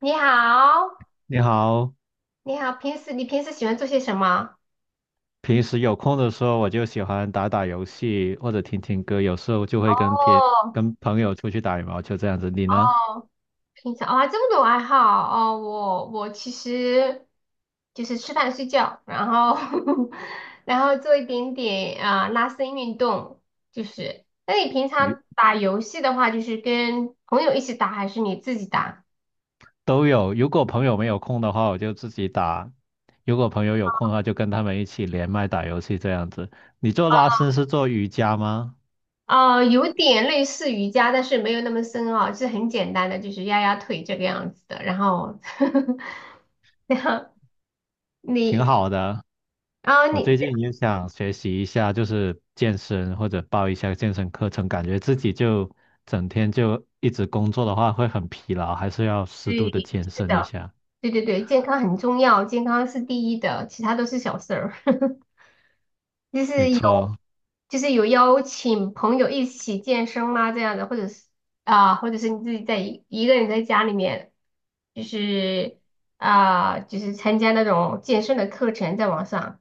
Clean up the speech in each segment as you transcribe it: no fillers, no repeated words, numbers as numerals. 你好，你好，你好，平时你喜欢做些什么？平时有空的时候我就喜欢打打游戏或者听听歌，有时候就会跟朋哦跟朋友出去打羽毛球这样子。你呢？哦，平常啊、这么多爱好哦，我其实就是吃饭睡觉，然后 然后做一点点啊、拉伸运动，就是。那你平与常打游戏的话，就是跟朋友一起打还是你自己打？都有。如果朋友没有空的话，我就自己打；如果朋友有空的话，就跟他们一起连麦打游戏这样子。你做拉伸是做瑜伽吗？有点类似瑜伽，但是没有那么深奥，就是很简单的，就是压压腿这个样子的。然后，然后挺你好的。啊、我你。最近也想学习一下，就是健身或者报一下健身课程，感觉自己就整天就一直工作的话会很疲劳，还是要适度对，的健是身一的，下。对对对，健康很重要，健康是第一的，其他都是小事儿。就没是有，错，就是有邀请朋友一起健身吗？这样的，或者是啊、或者是你自己在一个人在家里面，就是啊、就是参加那种健身的课程，在网上。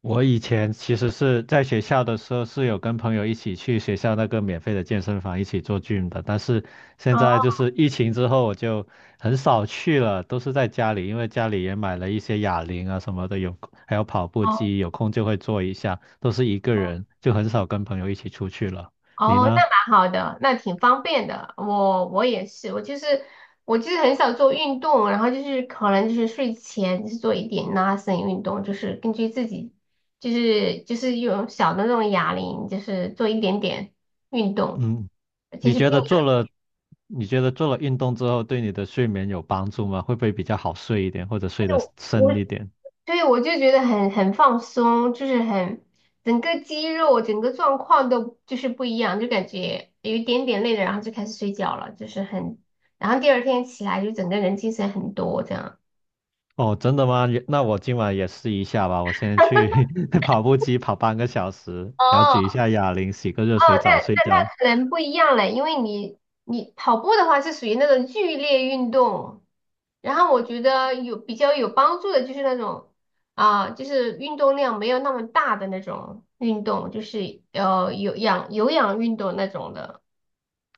我以前其实是在学校的时候是有跟朋友一起去学校那个免费的健身房一起做 gym 的，但是现在哦就是疫情之后我就很少去了，都是在家里，因为家里也买了一些哑铃啊什么的，还有跑步机，有空就会做一下，都是一个人，就很少跟朋友一起出去了。你哦，那呢？蛮好的，那挺方便的。我也是，我就是很少做运动，然后就是可能就是睡前就是做一点拉伸运动，就是根据自己就是用小的那种哑铃，就是做一点点运动，嗯，其你实并觉得没做了，你觉得做了运动之后对你的睡眠有帮助吗？会不会比较好睡一点，或者睡得有。深一点？对，我就觉得很放松，就是很整个肌肉、整个状况都就是不一样，就感觉有一点点累了，然后就开始睡觉了，就是很，然后第二天起来就整个人精神很多这样。哦，真的吗？也那我今晚也试一下吧。我先去 跑步机跑半个小时，然后举一哦，下哑铃，洗个热水澡睡觉。那人不一样嘞，因为你跑步的话是属于那种剧烈运动，然后我觉得有比较有帮助的就是那种啊、就是运动量没有那么大的那种运动，就是有氧运动那种的。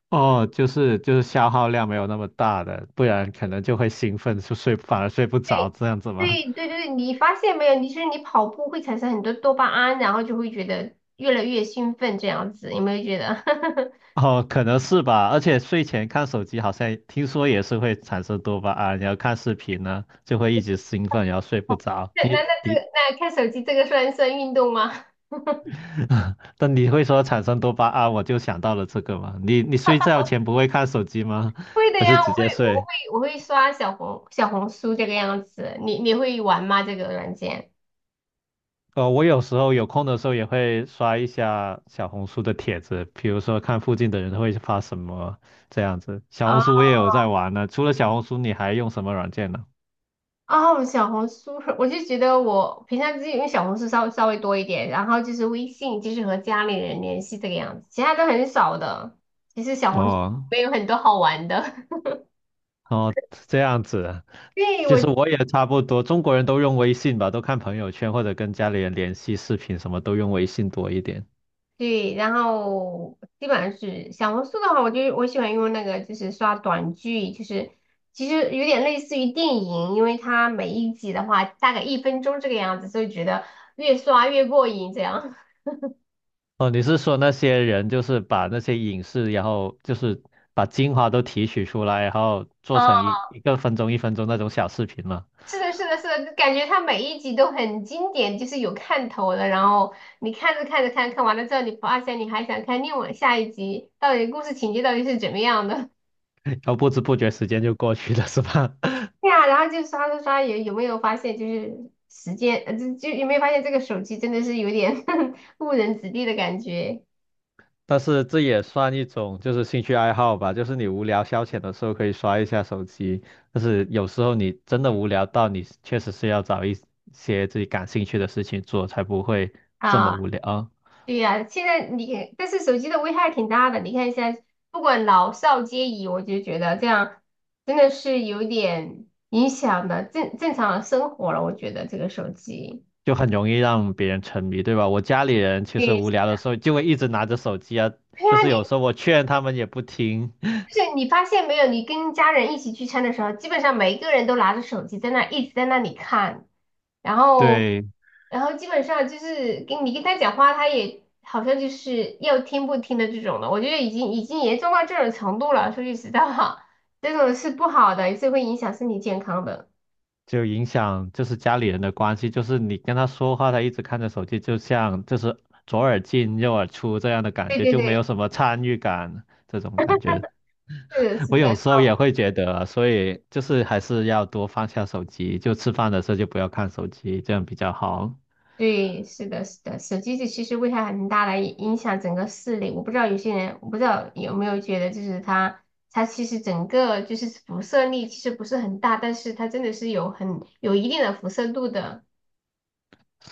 哦，就是消耗量没有那么大的，不然可能就会兴奋，就睡反而睡不着对。这样子吗？对对对，你发现没有？你是你跑步会产生很多多巴胺，然后就会觉得越来越兴奋，这样子有没有觉得？哦，可能是吧。而且睡前看手机好像听说也是会产生多巴胺，然后看视频呢就会一直兴奋，然后睡不着。那那那这个那看手机这个算运动吗？但你会说产生多巴胺，我就想到了这个嘛。你睡觉前不会看手机吗？会 的还是呀，我直接会我睡？会我会刷小红书这个样子。你你会玩吗？这个软件？哦，我有时候有空的时候也会刷一下小红书的帖子，比如说看附近的人会发什么这样子。小啊红书我也有在玩呢。除了小红书，你还用什么软件呢？哦，小红书，我就觉得我平常自己用小红书稍微多一点，然后就是微信，就是和家里人联系这个样子，其他都很少的。其实小红书哦没有很多好玩的。哦，这样子啊。 对，其实我。我也差不多，中国人都用微信吧，都看朋友圈或者跟家里人联系视频，什么都用微信多一点。对，然后基本上是小红书的话，我喜欢用那个，就是刷短剧，就是其实有点类似于电影，因为它每一集的话大概一分钟这个样子，所以觉得越刷越过瘾。这样，哦，你是说那些人就是把那些影视，然后就是把精华都提取出来，然后 做嗯，成一个分钟、1分钟那种小视频嘛，是的，是的，是的，就感觉它每一集都很经典，就是有看头的。然后你看着看着，看完了之后，你发现你还想看另外下一集，到底故事情节到底是怎么样的？然后不知不觉时间就过去了，是吧？对呀，然后就刷刷刷，有没有发现就是时间，就有没有发现这个手机真的是有点 误人子弟的感觉 但是这也算一种就是兴趣爱好吧，就是你无聊消遣的时候可以刷一下手机，但是有时候你真的无聊到你确实是要找一些自己感兴趣的事情做，才不会这么啊？无聊啊。对呀，现在你但是手机的危害挺大的，你看现在不管老少皆宜，我就觉得这样真的是有点影响的正常的生活了，我觉得这个手机。就很容易让别人沉迷，对吧？我家里人其实对，无聊的时候就会一直拿着手机啊，对就呀，是你。有时候我劝他们也不听，就是你发现没有，你跟家人一起聚餐的时候，基本上每一个人都拿着手机在那一直在那里看，然后，对，然后基本上就是跟你跟他讲话，他也好像就是要听不听的这种的。我觉得已经严重到这种程度了。说句实在话，这种是不好的，也是会影响身体健康的。就影响就是家里人的关系，就是你跟他说话，他一直看着手机，就像就是左耳进右耳出这样的感对觉，对就没有对，什么参与感这种感觉。是的，是我的，有时候也会觉得，所以就是还是要多放下手机，就吃饭的时候就不要看手机，这样比较好。对，是的，是的，手机其实危害很大的，影响整个视力。我不知道有些人，我不知道有没有觉得，就是它，它其实整个就是辐射力其实不是很大，但是它真的是有很有一定的辐射度的，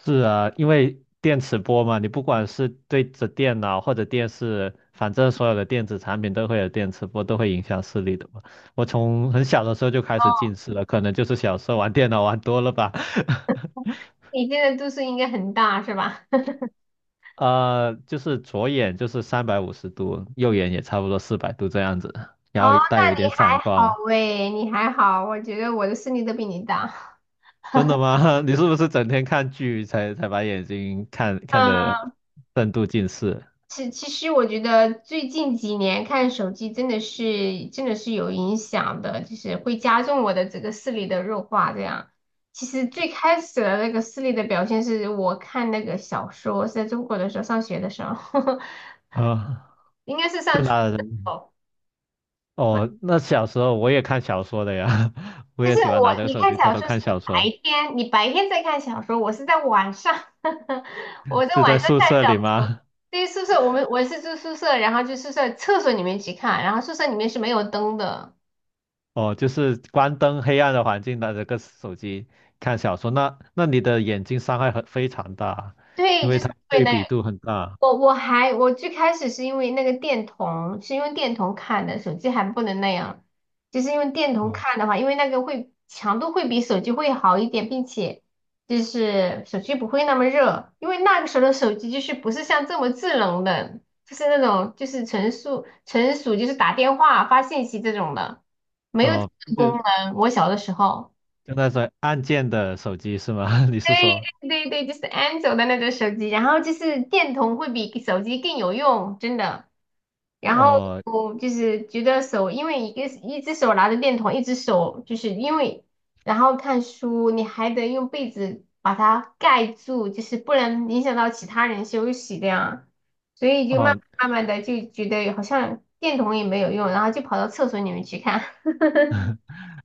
是啊，因为电磁波嘛，你不管是对着电脑或者电视，反正所有的电子产品都会有电磁波，都会影响视力的嘛。我从很小的时候就开始哦，近视了，可能就是小时候玩电脑玩多了吧。你这在度数应该很大，是吧？就是左眼就是350度，右眼也差不多400度这样子，哦，然后带那有一你点散还好光。喂，你还好，我觉得我的视力都比你大。真的吗？你是不是整天看剧才把眼睛看看嗯。的深度近视 其实我觉得最近几年看手机真的是有影响的，就是会加重我的这个视力的弱化。这样，其实最开始的那个视力的表现是我看那个小说，是在中国的时候上学的时候，啊？应该是就上初中拿的时候。我哦，那小时候我也看小说的呀，我但也是喜欢我拿着你手看机偷小偷说是看小白说。天，你白天在看小说，我是在晚上，我在是在晚上宿看舍小里说。吗？对，宿舍我们我是住宿舍，然后就宿舍厕所里面去看，然后宿舍里面是没有灯的。哦，就是关灯黑暗的环境，拿着个手机看小说，那你的眼睛伤害很非常大，因对，就为是它对对那比个。度很大。我最开始是因为那个电筒，是用电筒看的，手机还不能那样，就是用电筒嗯，看的话，因为那个会强度会比手机会好一点，并且就是手机不会那么热，因为那个时候的手机就是不是像这么智能的，就是那种就是纯属就是打电话发信息这种的，没有这哦，个功就能。我小的时候。就那种按键的手机是吗？你是说？对对对，就是安卓的那种手机，然后就是电筒会比手机更有用，真的。然后哦我就是觉得手，因为一个一只手拿着电筒，一只手就是因为，然后看书你还得用被子把它盖住，就是不能影响到其他人休息这样，所以就慢哦，慢慢慢的就觉得好像电筒也没有用，然后就跑到厕所里面去看，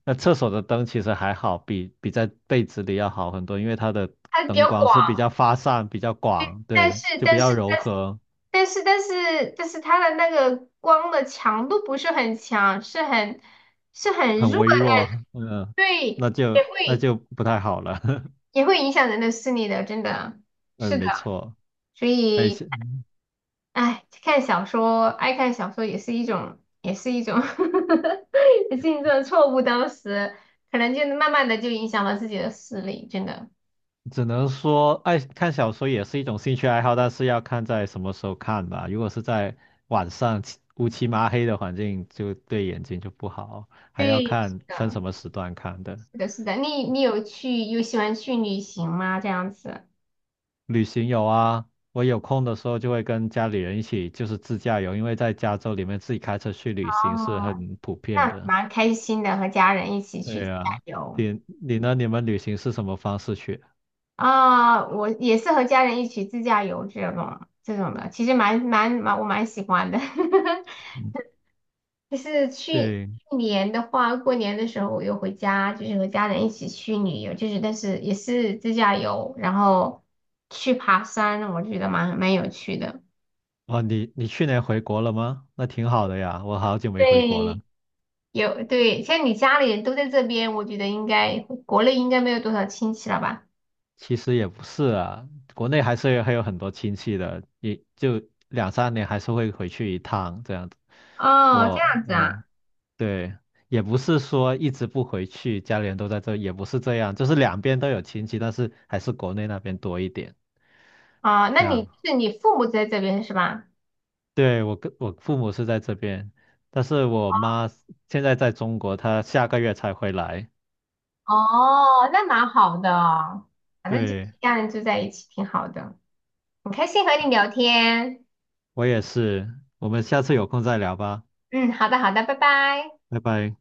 那厕所的灯其实还好，比在被子里要好很多，因为它的它比灯较光广。是比较发散、比较广，但对，是就比但较是柔和。但是它的那个光的强度不是很强，是很弱很微的那种弱，嗯，对，那也就那会就不太好了。也会影响人的视力的，真的嗯，是的。没错，所哎，以，是，哎，看小说，爱看小说也是一种，也是一种 也是一种错误。当时可能就慢慢的就影响了自己的视力，真的。只能说爱看小说也是一种兴趣爱好，但是要看在什么时候看吧。如果是在晚上漆乌漆麻黑的环境，就对眼睛就不好，还要对，是看分的，什么时段看的。是的，是的。你有去有喜欢去旅行吗？这样子。旅行有啊，我有空的时候就会跟家里人一起，就是自驾游，因为在加州里面自己开车去旅行是哦很普遍那的。蛮开心的，和家人一起去对自驾啊，游你呢？你们旅行是什么方式去？啊，我也是和家人一起自驾游这种这种的，其实蛮蛮蛮我蛮喜欢的。就是去对，去年的话，过年的时候我又回家，就是和家人一起去旅游，就是但是也是自驾游，然后去爬山，我觉得蛮有趣的。哦，你去年回国了吗？那挺好的呀，我好久没回国了。对，有对，像你家里人都在这边，我觉得应该国内应该没有多少亲戚了吧？其实也不是啊，国内还是还有很多亲戚的，也就两三年还是会回去一趟这样子。哦，这样子嗯，啊。对，也不是说一直不回去，家里人都在这，也不是这样，就是两边都有亲戚，但是还是国内那边多一点。啊，那这样，你是你父母在这边是吧？对，我跟我父母是在这边，但是我妈现在在中国，她下个月才回来。哦，那蛮好的，反正就是对。家人住在一起挺好的，很开心和你聊天。我也是，我们下次有空再聊吧，嗯，好的好的，拜拜。拜拜。